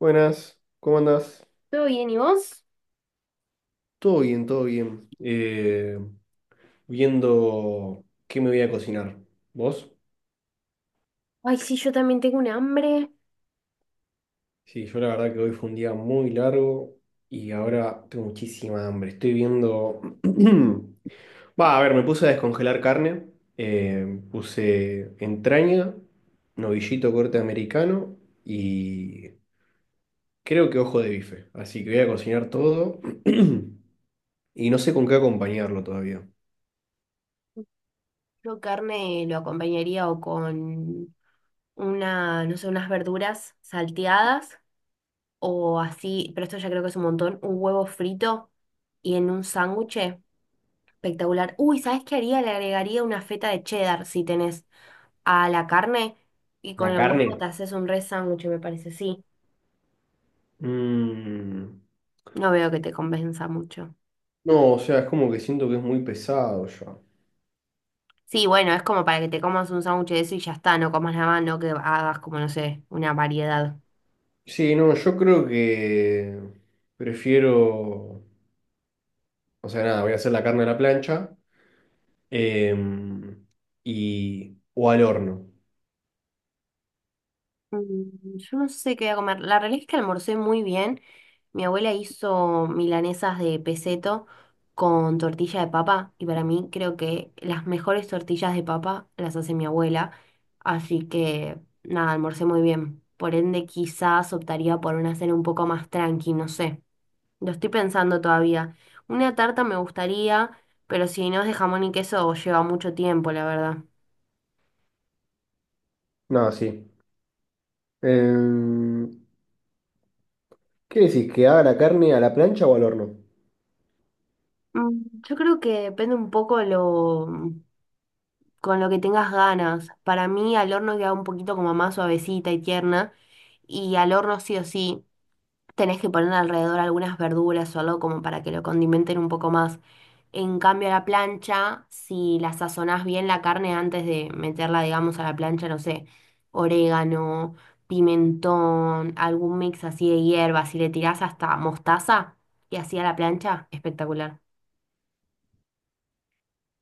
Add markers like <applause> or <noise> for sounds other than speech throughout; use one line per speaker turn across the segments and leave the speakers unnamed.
Buenas, ¿cómo andás?
¿Todo bien? ¿Y vos?
Todo bien, todo bien. Viendo qué me voy a cocinar. ¿Vos?
Ay, sí, yo también tengo un hambre.
Sí, yo la verdad que hoy fue un día muy largo y ahora tengo muchísima hambre. Estoy viendo... <clears throat> Va, a ver, me puse a descongelar carne. Puse entraña, novillito corte americano y creo que ojo de bife. Así que voy a cocinar todo <clears throat> y no sé con qué acompañarlo todavía.
Yo carne lo acompañaría o con una, no sé, unas verduras salteadas o así, pero esto ya creo que es un montón, un huevo frito y en un sándwich espectacular. Uy, ¿sabes qué haría? Le agregaría una feta de cheddar si tenés a la carne y con
La
el huevo
carne.
te haces un re sándwich, me parece, sí.
Mm.
No veo que te convenza mucho.
No, o sea, es como que siento que es muy pesado ya.
Sí, bueno, es como para que te comas un sándwich de eso y ya está, no comas nada más, no que hagas como, no sé, una variedad.
Sí, no, yo creo que prefiero, o sea, nada, voy a hacer la carne a la plancha em, y o al horno.
Mm, yo no sé qué voy a comer. La realidad es que almorcé muy bien. Mi abuela hizo milanesas de peseto con tortilla de papa y para mí creo que las mejores tortillas de papa las hace mi abuela. Así que nada, almorcé muy bien. Por ende, quizás optaría por una cena un poco más tranqui, no sé. Lo estoy pensando todavía. Una tarta me gustaría, pero si no es de jamón y queso, lleva mucho tiempo, la verdad.
No, sí. Em, ¿qué decís? ¿Que haga la carne a la plancha o al horno?
Mm, yo creo que depende un poco lo con lo que tengas ganas. Para mí al horno queda un poquito como más suavecita y tierna. Y al horno sí o sí tenés que poner alrededor algunas verduras o algo como para que lo condimenten un poco más. En cambio a la plancha, si la sazonás bien la carne antes de meterla, digamos, a la plancha, no sé, orégano, pimentón, algún mix así de hierbas, si le tirás hasta mostaza y así a la plancha, espectacular.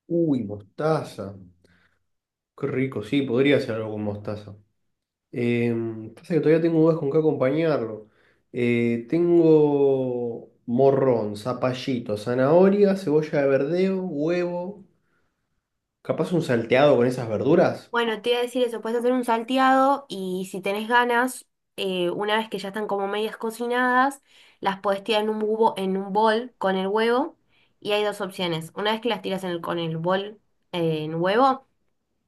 Uy, mostaza. Qué rico, sí, podría hacer algo con mostaza. Em, pasa que todavía tengo dudas con qué acompañarlo. Tengo morrón, zapallito, zanahoria, cebolla de verdeo, huevo. Capaz un salteado con esas verduras.
Bueno, te iba a decir eso, puedes hacer un salteado y si tenés ganas, una vez que ya están como medias cocinadas, las podés tirar en un bubo, en un bol con el huevo y hay dos opciones. Una vez que las tiras con el bol en huevo,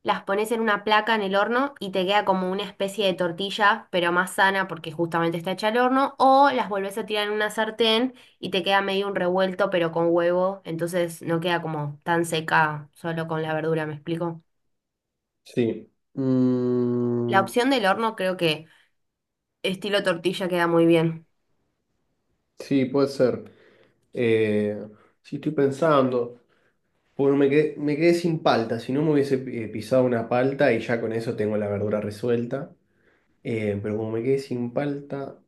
las pones en una placa en el horno y te queda como una especie de tortilla, pero más sana porque justamente está hecha al horno, o las volvés a tirar en una sartén y te queda medio un revuelto pero con huevo, entonces no queda como tan seca solo con la verdura, ¿me explico?
Sí.
La
Mm,
opción del horno creo que estilo tortilla queda muy bien.
sí, puede ser. Eh, sí, estoy pensando. Bueno, me quedé sin palta. Si no me hubiese pisado una palta y ya con eso tengo la verdura resuelta. Pero como me quedé sin palta.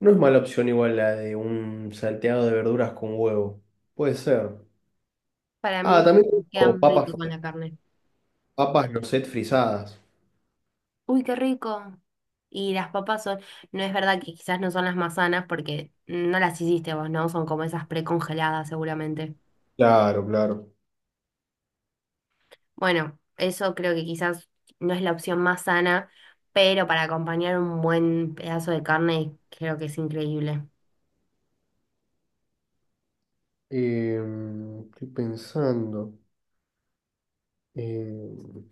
No es mala opción igual la de un salteado de verduras con huevo. Puede ser.
Para mí
Ah, también
queda
tengo
muy
papas,
rico con la carne.
papas noset frisadas.
Uy, qué rico. Y las papas son, no es verdad que quizás no son las más sanas porque no las hiciste vos, ¿no? Son como esas precongeladas seguramente.
Claro, claro.
Bueno, eso creo que quizás no es la opción más sana, pero para acompañar un buen pedazo de carne creo que es increíble.
Em, estoy pensando. Em,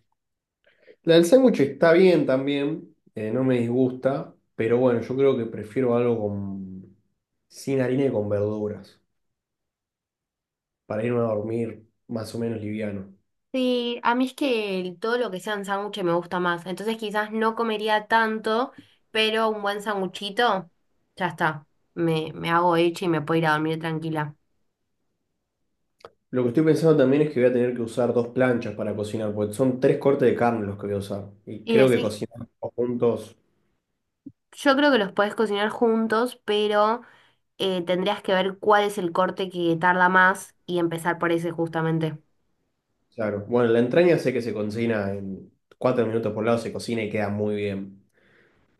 la del sándwich está bien también, no me disgusta, pero bueno, yo creo que prefiero algo con, sin harina y con verduras, para irme a dormir más o menos liviano.
Sí, a mí es que todo lo que sean sándwiches me gusta más. Entonces quizás no comería tanto, pero un buen sanguchito, ya está. Me hago hecha y me puedo ir a dormir tranquila.
Lo que estoy pensando también es que voy a tener que usar dos planchas para cocinar, porque son tres cortes de carne los que voy a usar. Y
Y
creo que
decís,
cocinar todos juntos,
yo creo que los podés cocinar juntos, pero tendrías que ver cuál es el corte que tarda más y empezar por ese justamente.
claro. Bueno, la entraña sé que se cocina en 4 minutos por lado, se cocina y queda muy bien.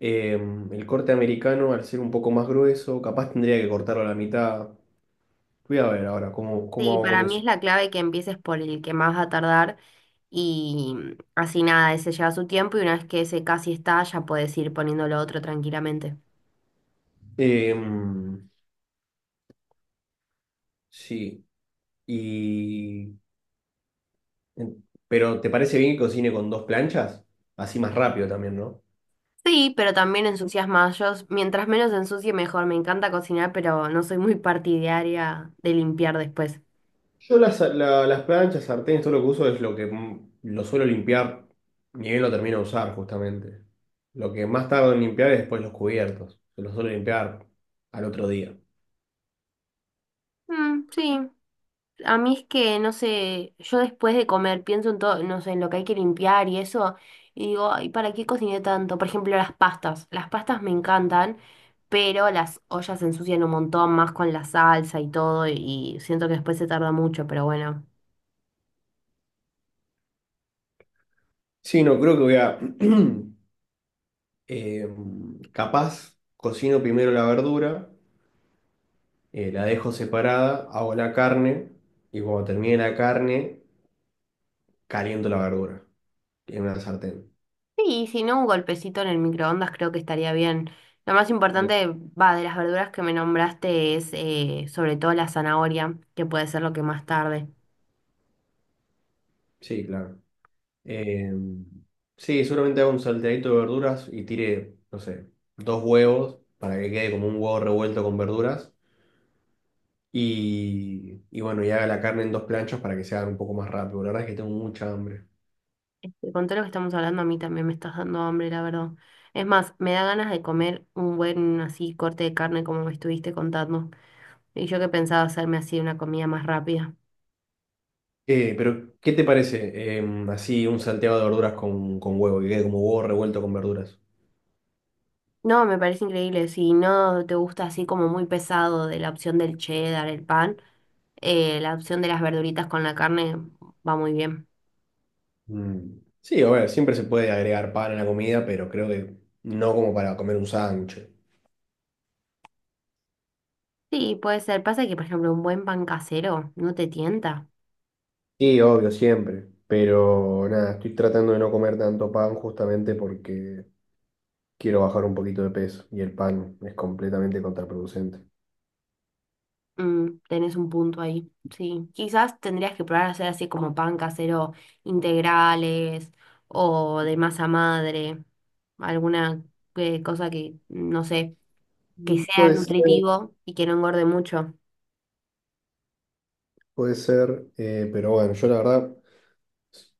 Eh, el corte americano, al ser un poco más grueso, capaz tendría que cortarlo a la mitad. Voy a ver ahora cómo
Sí,
hago
para
con
mí es
eso.
la clave que empieces por el que más va a tardar y así nada, ese lleva su tiempo y una vez que ese casi está, ya puedes ir poniendo lo otro tranquilamente.
Eh, sí. Y... pero ¿te parece bien que cocine con dos planchas? Así más rápido también, ¿no?
Sí, pero también ensucias más. Yo, mientras menos ensucie, mejor. Me encanta cocinar, pero no soy muy partidaria de limpiar después.
Yo las planchas, sartenes, todo lo que uso es lo que lo suelo limpiar, ni bien lo termino de usar, justamente. Lo que más tardo en limpiar es después los cubiertos. Que Los suelo limpiar al otro día.
Mm, sí. A mí es que, no sé, yo después de comer pienso en todo, no sé, en lo que hay que limpiar y eso, y digo, ay, ¿para qué cociné tanto? Por ejemplo, las pastas. Las pastas me encantan, pero las ollas se ensucian un montón más con la salsa y todo, y siento que después se tarda mucho, pero bueno.
Sí, no, creo que voy a... <clears throat> eh, capaz, cocino primero la verdura, la dejo separada, hago la carne y cuando termine la carne, caliento la verdura en una sartén.
Sí, y si no, un golpecito en el microondas creo que estaría bien. Lo más
Bien.
importante, va, de las verduras que me nombraste es sobre todo la zanahoria, que puede ser lo que más tarde.
Sí, claro. Eh, sí, seguramente haga un salteadito de verduras y tire, no sé, 2 huevos para que quede como un huevo revuelto con verduras. Y bueno, y haga la carne en dos planchas para que se haga un poco más rápido. La verdad es que tengo mucha hambre.
Este, con todo lo que estamos hablando, a mí también me estás dando hambre, la verdad. Es más, me da ganas de comer un buen así corte de carne como me estuviste contando. Y yo que pensaba hacerme así una comida más rápida.
Pero, ¿qué te parece? Así un salteado de verduras con huevo, que quede como huevo revuelto con verduras.
No, me parece increíble. Si no te gusta así como muy pesado de la opción del cheddar, el pan, la opción de las verduritas con la carne va muy bien.
Mm. Sí, a ver, siempre se puede agregar pan a la comida, pero creo que no como para comer un sándwich.
Sí, puede ser. Pasa que, por ejemplo, un buen pan casero no te tienta.
Sí, obvio, siempre. Pero nada, estoy tratando de no comer tanto pan justamente porque quiero bajar un poquito de peso y el pan es completamente contraproducente.
Mm, tenés un punto ahí. Sí. Quizás tendrías que probar a hacer así como pan casero integrales o de masa madre. Alguna cosa que, no sé, que
Mm.
sea
Puede ser,
nutritivo y que no engorde mucho.
puede ser, pero bueno, yo la verdad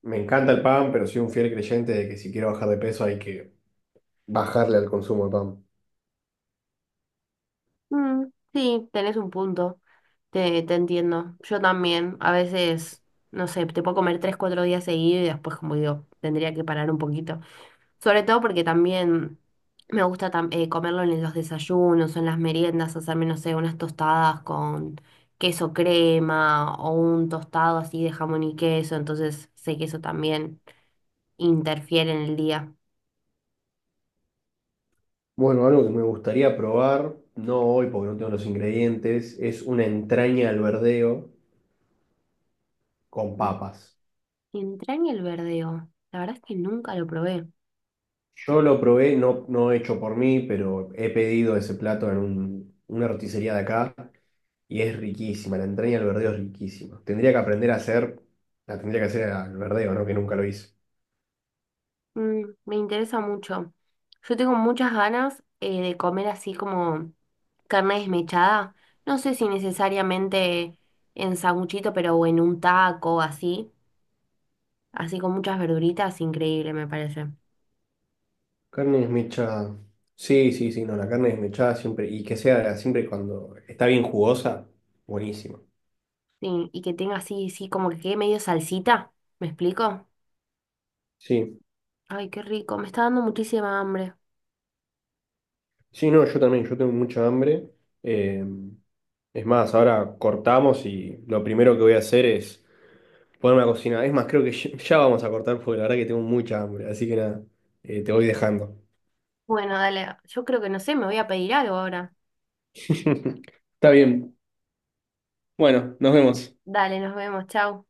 me encanta el pan, pero soy un fiel creyente de que si quiero bajar de peso hay que bajarle al consumo de pan.
Mm, sí, tenés un punto. Te entiendo. Yo también. A veces, no sé, te puedo comer tres, cuatro días seguidos y después, como digo, tendría que parar un poquito. Sobre todo porque también me gusta comerlo en los desayunos o en las meriendas, hacerme, no sé, unas tostadas con queso crema o un tostado así de jamón y queso, entonces sé que eso también interfiere en el día.
Bueno, algo que me gustaría probar, no hoy porque no tengo los ingredientes, es una entraña al verdeo con
Mm.
papas.
Entraña el verdeo, la verdad es que nunca lo probé.
Yo lo probé, no, no hecho por mí, pero he pedido ese plato en una roticería de acá y es riquísima, la entraña al verdeo es riquísima. Tendría que aprender a hacer, la tendría que hacer al verdeo, ¿no? Que nunca lo hice.
Mm, me interesa mucho. Yo tengo muchas ganas de comer así como carne desmechada, no sé si necesariamente en sanguchito, pero o en un taco así. Así con muchas verduritas, increíble me parece.
Carne desmechada. Sí, sí, sí, no, la carne desmechada siempre, y que sea siempre cuando está bien jugosa, buenísima.
Sí, y que tenga así, sí, como que quede medio salsita, ¿me explico?
Sí,
Ay, qué rico, me está dando muchísima hambre.
sí, no, yo también, yo tengo mucha hambre. Eh, es más, ahora cortamos y lo primero que voy a hacer es... ponerme a cocinar. Es más, creo que ya vamos a cortar porque la verdad que tengo mucha hambre. Así que nada, te voy dejando.
Bueno, dale, yo creo que no sé, me voy a pedir algo ahora.
<laughs> Está bien. Bueno, nos vemos.
Dale, nos vemos, chao.